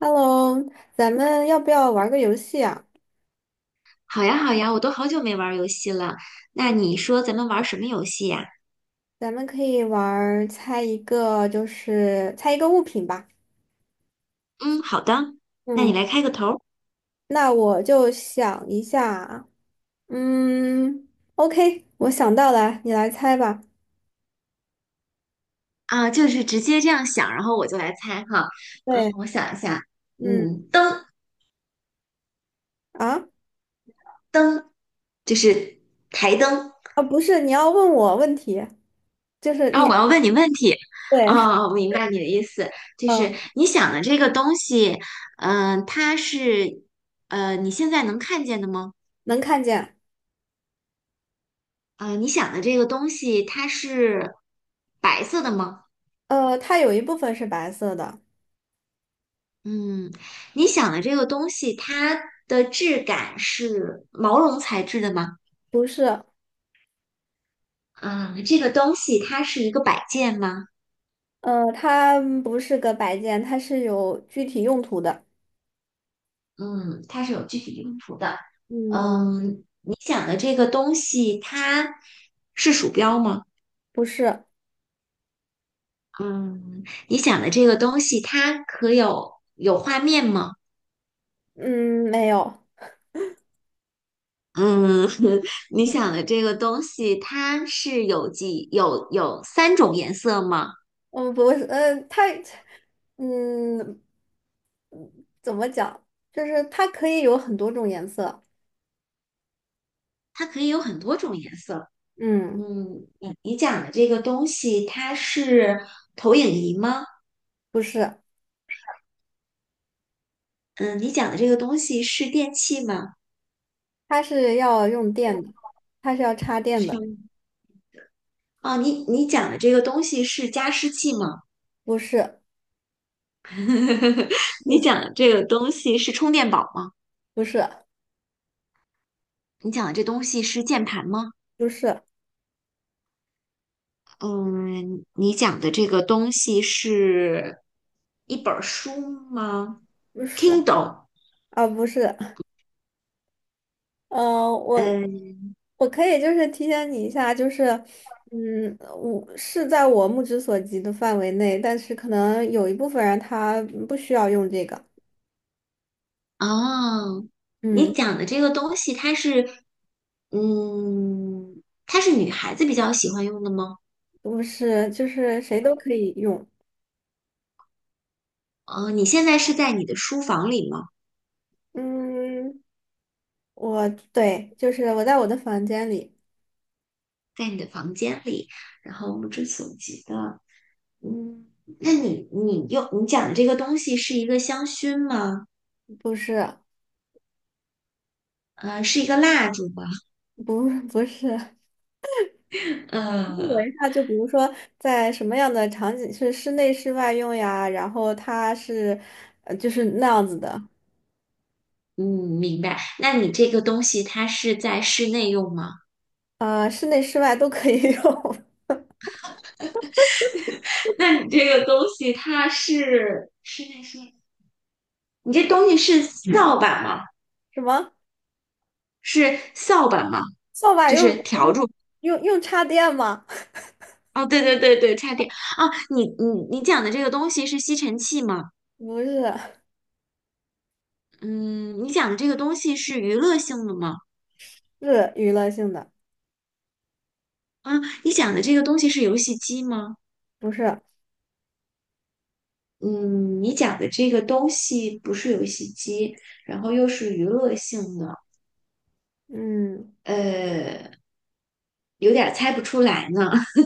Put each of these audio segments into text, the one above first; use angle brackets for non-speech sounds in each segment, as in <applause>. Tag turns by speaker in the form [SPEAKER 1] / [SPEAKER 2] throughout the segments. [SPEAKER 1] Hello，咱们要不要玩个游戏啊？
[SPEAKER 2] 好呀，好呀，我都好久没玩儿游戏了。那
[SPEAKER 1] 嗯，
[SPEAKER 2] 你说咱们玩儿什么游戏呀？
[SPEAKER 1] 咱们可以玩儿猜一个，就是猜一个物品吧。
[SPEAKER 2] 嗯，好的，那
[SPEAKER 1] 嗯，
[SPEAKER 2] 你来开个头儿
[SPEAKER 1] 那我就想一下。嗯，OK，我想到了，你来猜吧。
[SPEAKER 2] 啊，就是直接这样想，然后我就来猜哈。嗯，
[SPEAKER 1] 对。
[SPEAKER 2] 我想一下，
[SPEAKER 1] 嗯。
[SPEAKER 2] 嗯，灯
[SPEAKER 1] 啊
[SPEAKER 2] 灯就是台灯，
[SPEAKER 1] 啊，不是，你要问我问题，就是
[SPEAKER 2] 然后
[SPEAKER 1] 你，
[SPEAKER 2] 我要问你问题。
[SPEAKER 1] 对。
[SPEAKER 2] 哦，我明白你的意思，就是
[SPEAKER 1] 嗯，
[SPEAKER 2] 你想的这个东西，嗯、它是你现在能看见的吗？
[SPEAKER 1] 能看见。
[SPEAKER 2] 呃，你想的这个东西，它是白色的吗？
[SPEAKER 1] 它有一部分是白色的。
[SPEAKER 2] 嗯，你想的这个东西，它的质感是毛绒材质的吗？
[SPEAKER 1] 不是。
[SPEAKER 2] 嗯，这个东西它是一个摆件吗？
[SPEAKER 1] 它不是个摆件，它是有具体用途的。
[SPEAKER 2] 嗯，它是有具体用途的。
[SPEAKER 1] 嗯，
[SPEAKER 2] 嗯，你想的这个东西，它是鼠标吗？
[SPEAKER 1] 不是。
[SPEAKER 2] 嗯，你想的这个东西，它可有画面吗？
[SPEAKER 1] 嗯，没有。
[SPEAKER 2] 嗯，<laughs> 你想的这个东西，它是有几有有三种颜色吗？
[SPEAKER 1] 不是，嗯，怎么讲？就是它可以有很多种颜色。
[SPEAKER 2] 它可以有很多种颜色。
[SPEAKER 1] 嗯，
[SPEAKER 2] 嗯，你讲的这个东西，它是投影仪吗？
[SPEAKER 1] 不是，
[SPEAKER 2] 嗯，你讲的这个东西是电器吗？
[SPEAKER 1] 它是要用电的，它是要插电
[SPEAKER 2] 是有
[SPEAKER 1] 的。
[SPEAKER 2] 哦，你讲的这个东西是加湿器吗？
[SPEAKER 1] 不是，
[SPEAKER 2] <laughs> 你讲的这个东西是充电宝吗？
[SPEAKER 1] 不是，
[SPEAKER 2] 你讲的这东西是键盘吗？
[SPEAKER 1] 不是，
[SPEAKER 2] 嗯，你讲的这个东西是一本儿书吗
[SPEAKER 1] 不是，
[SPEAKER 2] ？Kindle，
[SPEAKER 1] 啊，不是。呃，我
[SPEAKER 2] 嗯
[SPEAKER 1] 我可以就是提醒你一下，就是我是在我目之所及的范围内，但是可能有一部分人他不需要用这个。
[SPEAKER 2] 哦，你
[SPEAKER 1] 嗯，
[SPEAKER 2] 讲的这个东西，它是，嗯，它是女孩子比较喜欢用的吗？
[SPEAKER 1] 不是，就是谁都可以用。
[SPEAKER 2] 哦，你现在是在你的书房里吗？
[SPEAKER 1] 嗯，我对，就是我在我的房间里。
[SPEAKER 2] 在你的房间里，然后目之所及的，嗯，那你讲的这个东西是一个香薰吗？
[SPEAKER 1] 不是，
[SPEAKER 2] 呃，是一个蜡烛吗？
[SPEAKER 1] 不，不是。
[SPEAKER 2] <laughs>
[SPEAKER 1] 我
[SPEAKER 2] 呃，
[SPEAKER 1] 一下就比如说在什么样的场景是室内室外用呀，然后它是，就是那样子的。
[SPEAKER 2] 嗯，明白。那你这个东西它是在室内用吗？
[SPEAKER 1] 室内室外都可以用。<laughs>
[SPEAKER 2] 那你这个东西它是室内是？你这东西是扫把吗？
[SPEAKER 1] 什么
[SPEAKER 2] 是扫把吗？
[SPEAKER 1] 扫把
[SPEAKER 2] 就
[SPEAKER 1] 用
[SPEAKER 2] 是笤帚。
[SPEAKER 1] 用用插电吗？<laughs>
[SPEAKER 2] 哦，对对对对，差点啊！你讲的这个东西是吸尘器吗？
[SPEAKER 1] 不是，
[SPEAKER 2] 嗯，你讲的这个东西是娱乐性的吗？
[SPEAKER 1] 是娱乐性的。
[SPEAKER 2] 啊，你讲的这个东西是游戏机吗？
[SPEAKER 1] 不是。
[SPEAKER 2] 嗯，你讲的这个东西不是游戏机，然后又是娱乐性的，
[SPEAKER 1] 嗯。
[SPEAKER 2] 呃，有点儿猜不出来呢。<laughs>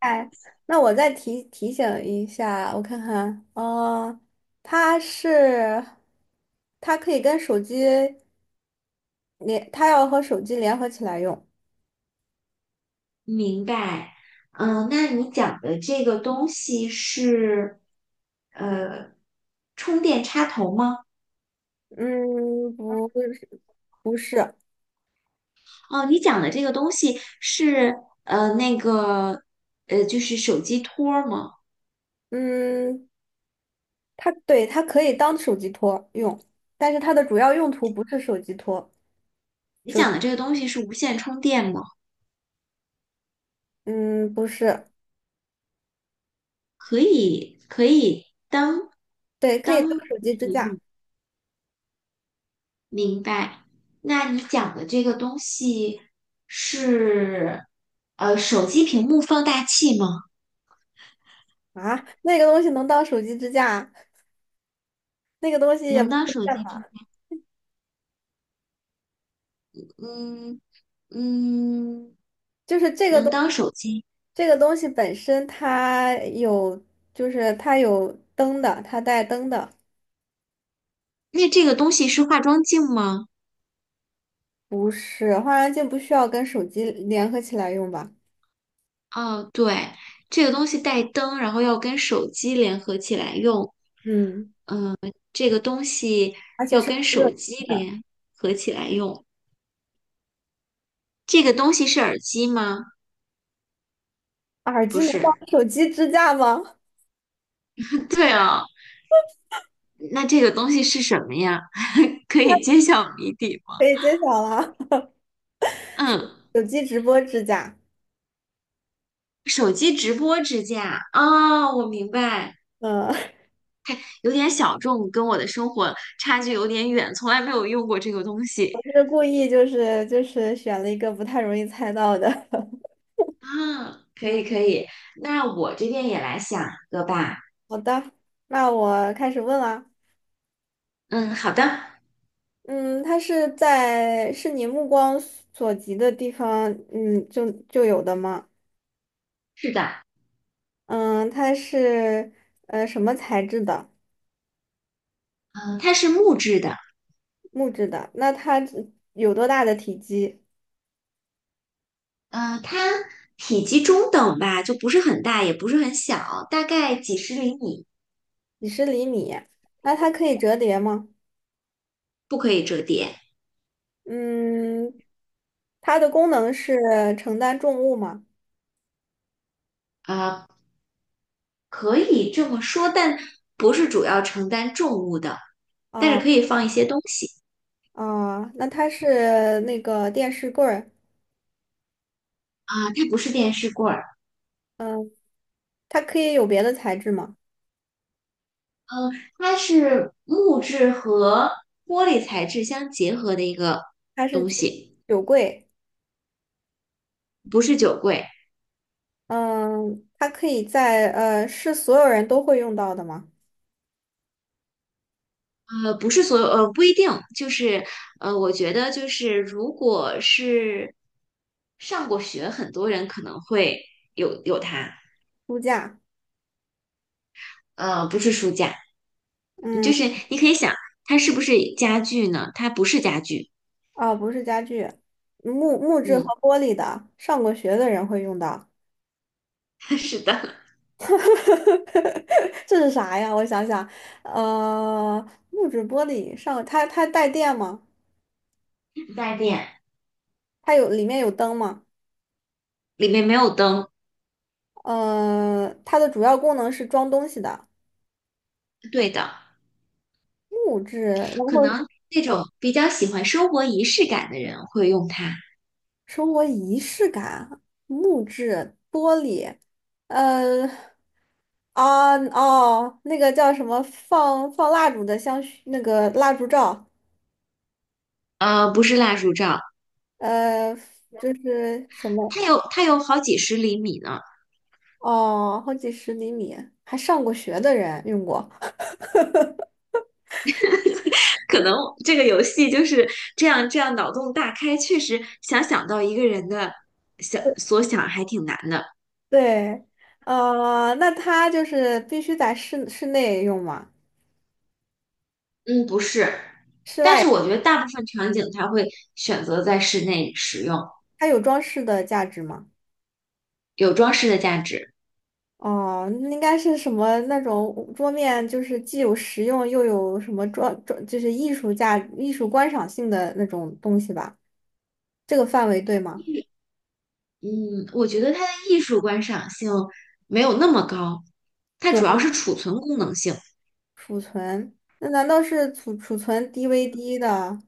[SPEAKER 1] 哎，那我再提醒一下，我看看，它是，它可以跟手机连，它要和手机联合起来用。
[SPEAKER 2] 明白。嗯，那你讲的这个东西是，呃，充电插头吗？
[SPEAKER 1] 嗯，不是，不是。
[SPEAKER 2] 哦，你讲的这个东西是呃那个，就是手机托儿吗？
[SPEAKER 1] 嗯，它对，它可以当手机托用，但是它的主要用途不是手机托。
[SPEAKER 2] 你
[SPEAKER 1] 手，
[SPEAKER 2] 讲的这个东西是无线充电吗？
[SPEAKER 1] 嗯，不是。
[SPEAKER 2] 可以，可以当
[SPEAKER 1] 对，可以当
[SPEAKER 2] 当
[SPEAKER 1] 手机支架
[SPEAKER 2] 明白。那你讲的这个东西是呃手机屏幕放大器吗？
[SPEAKER 1] 啊。那个东西能当手机支架，那个东西也
[SPEAKER 2] 能
[SPEAKER 1] 不
[SPEAKER 2] 当
[SPEAKER 1] 是
[SPEAKER 2] 手
[SPEAKER 1] 电
[SPEAKER 2] 机
[SPEAKER 1] 脑，
[SPEAKER 2] 屏幕？嗯嗯，
[SPEAKER 1] 就是这个东。
[SPEAKER 2] 能当手机。
[SPEAKER 1] 这个东西本身它有，就是它有灯的，它带灯的。
[SPEAKER 2] 那这个东西是化妆镜吗？
[SPEAKER 1] 不是化妆镜不需要跟手机联合起来用吧？
[SPEAKER 2] 哦，对，这个东西带灯，然后要跟手机联合起来用，
[SPEAKER 1] 嗯，
[SPEAKER 2] 这个东西
[SPEAKER 1] 而且
[SPEAKER 2] 要
[SPEAKER 1] 是
[SPEAKER 2] 跟
[SPEAKER 1] 热
[SPEAKER 2] 手机
[SPEAKER 1] 的。
[SPEAKER 2] 联合起来用。这个东西是耳机吗？
[SPEAKER 1] 耳机
[SPEAKER 2] 不
[SPEAKER 1] 能当
[SPEAKER 2] 是。
[SPEAKER 1] 手机支架吗？
[SPEAKER 2] 对哦，那这个东西是什么呀？<laughs> 可以揭晓谜底吗？
[SPEAKER 1] 可以揭晓了。
[SPEAKER 2] 嗯，
[SPEAKER 1] <laughs> 手机直播支架。
[SPEAKER 2] 手机直播支架。哦，我明白，
[SPEAKER 1] 嗯。<laughs>
[SPEAKER 2] 有点小众，跟我的生活差距有点远，从来没有用过这个东西。
[SPEAKER 1] 就是故意就是选了一个不太容易猜到的。<laughs>
[SPEAKER 2] 啊，可
[SPEAKER 1] 嗯，
[SPEAKER 2] 以可以，那我这边也来想一个吧。
[SPEAKER 1] 好的，那我开始问了。
[SPEAKER 2] 嗯，好的，
[SPEAKER 1] 嗯，它是在是你目光所及的地方，就有的吗？
[SPEAKER 2] 是的，
[SPEAKER 1] 嗯，它是什么材质的？
[SPEAKER 2] 嗯，它是木质的，
[SPEAKER 1] 木质的。那它有多大的体积？
[SPEAKER 2] 嗯，它体积中等吧，就不是很大，也不是很小，大概几十厘米，
[SPEAKER 1] 几十厘米。那它可以折叠吗？
[SPEAKER 2] 不可以折叠，
[SPEAKER 1] 嗯，它的功能是承担重物吗？
[SPEAKER 2] 呃，可以这么说，但不是主要承担重物的，但是
[SPEAKER 1] 啊
[SPEAKER 2] 可以放一些东西
[SPEAKER 1] 啊，那它是那个电视柜儿。
[SPEAKER 2] 啊，它不是电视柜儿，
[SPEAKER 1] 嗯，它可以有别的材质吗？
[SPEAKER 2] 嗯，它是木质和玻璃材质相结合的一个
[SPEAKER 1] 它是
[SPEAKER 2] 东
[SPEAKER 1] 酒
[SPEAKER 2] 西，
[SPEAKER 1] 酒柜。
[SPEAKER 2] 不是酒柜。
[SPEAKER 1] 嗯，它可以在是所有人都会用到的吗？
[SPEAKER 2] 呃，不是所有，呃，不一定，就是呃，我觉得就是如果是上过学，很多人可能会有它，
[SPEAKER 1] 书架。
[SPEAKER 2] 呃，不是书架，
[SPEAKER 1] 嗯。
[SPEAKER 2] 就是你可以想，它是不是家具呢？它不是家具，
[SPEAKER 1] 哦，不是家具，木质和
[SPEAKER 2] 嗯，
[SPEAKER 1] 玻璃的，上过学的人会用到。
[SPEAKER 2] <laughs> 是的，
[SPEAKER 1] <laughs> 这是啥呀？我想想。呃，木质玻璃上，它带电吗？
[SPEAKER 2] 带电，
[SPEAKER 1] 它有里面有灯吗？
[SPEAKER 2] 里面没有灯，
[SPEAKER 1] 它的主要功能是装东西的，
[SPEAKER 2] 对的，
[SPEAKER 1] 木质，然
[SPEAKER 2] 可
[SPEAKER 1] 后
[SPEAKER 2] 能那
[SPEAKER 1] 呃，
[SPEAKER 2] 种比较喜欢生活仪式感的人会用它，
[SPEAKER 1] 生活仪式感，木质玻璃。呃，啊哦，那个叫什么放蜡烛的香薰，那个蜡烛罩。
[SPEAKER 2] 呃，不是蜡烛罩，
[SPEAKER 1] 呃，就是什么
[SPEAKER 2] 它有好几十厘米呢。
[SPEAKER 1] 哦，好几十厘米，还上过学的人用过。<laughs>
[SPEAKER 2] 可能这个游戏就是这样，这样脑洞大开，确实想到一个人的想所想还挺难的。
[SPEAKER 1] 对。那它就是必须在室内用吗？
[SPEAKER 2] 嗯，不是，
[SPEAKER 1] 室
[SPEAKER 2] 但
[SPEAKER 1] 外
[SPEAKER 2] 是我觉得大部分场景它会选择在室内使用，
[SPEAKER 1] 它有装饰的价值吗？
[SPEAKER 2] 有装饰的价值。
[SPEAKER 1] 哦，那应该是什么那种桌面，就是既有实用又有什么装，就是艺术价、艺术观赏性的那种东西吧？这个范围对吗？
[SPEAKER 2] 嗯，我觉得它的艺术观赏性没有那么高，它
[SPEAKER 1] 主
[SPEAKER 2] 主要
[SPEAKER 1] 要
[SPEAKER 2] 是储存功能性。
[SPEAKER 1] 储存，那难道是储存 DVD 的？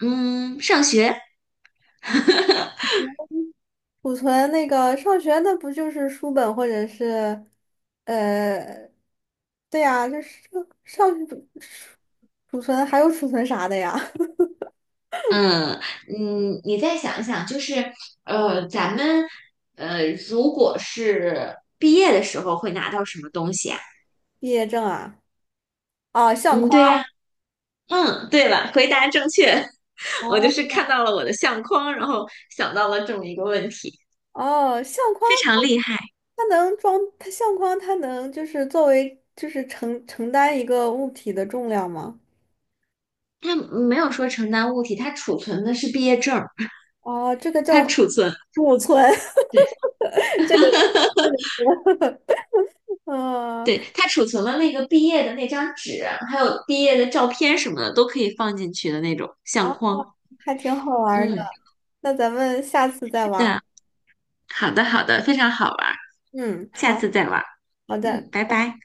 [SPEAKER 2] 嗯，上学
[SPEAKER 1] 储存那个上学那不就是书本或者是，呃，对呀，就是上储存还有储存啥的呀？<laughs>
[SPEAKER 2] 嗯嗯，你再想想，就是呃，咱们呃，如果是毕业的时候会拿到什么东西啊？
[SPEAKER 1] 毕业证啊。啊，相
[SPEAKER 2] 嗯，
[SPEAKER 1] 框
[SPEAKER 2] 对呀，嗯，对了，回答正确。<laughs> 我就
[SPEAKER 1] 哦。
[SPEAKER 2] 是看到了我的相框，然后想到了这么一个问题，
[SPEAKER 1] 哦，相框
[SPEAKER 2] 非
[SPEAKER 1] 它
[SPEAKER 2] 常厉害。
[SPEAKER 1] 它能装它相框它能就是作为就是承担一个物体的重量吗？
[SPEAKER 2] 它没有说承担物体，它储存的是毕业证儿，
[SPEAKER 1] 哦，这个
[SPEAKER 2] 它
[SPEAKER 1] 叫
[SPEAKER 2] 储存，
[SPEAKER 1] <laughs> 储存，
[SPEAKER 2] 对
[SPEAKER 1] <laughs> 这个词 <laughs> 嗯，
[SPEAKER 2] 对，它储存了那个毕业的那张纸，还有毕业的照片什么的，都可以放进去的那种
[SPEAKER 1] 啊，
[SPEAKER 2] 相框。
[SPEAKER 1] 还挺好玩儿的。
[SPEAKER 2] 嗯，
[SPEAKER 1] 那咱们下次再
[SPEAKER 2] 是
[SPEAKER 1] 玩儿
[SPEAKER 2] 的。好的，好的，非常好玩
[SPEAKER 1] 嗯，
[SPEAKER 2] 下
[SPEAKER 1] 好。
[SPEAKER 2] 次再玩
[SPEAKER 1] 好的。
[SPEAKER 2] 嗯，拜拜。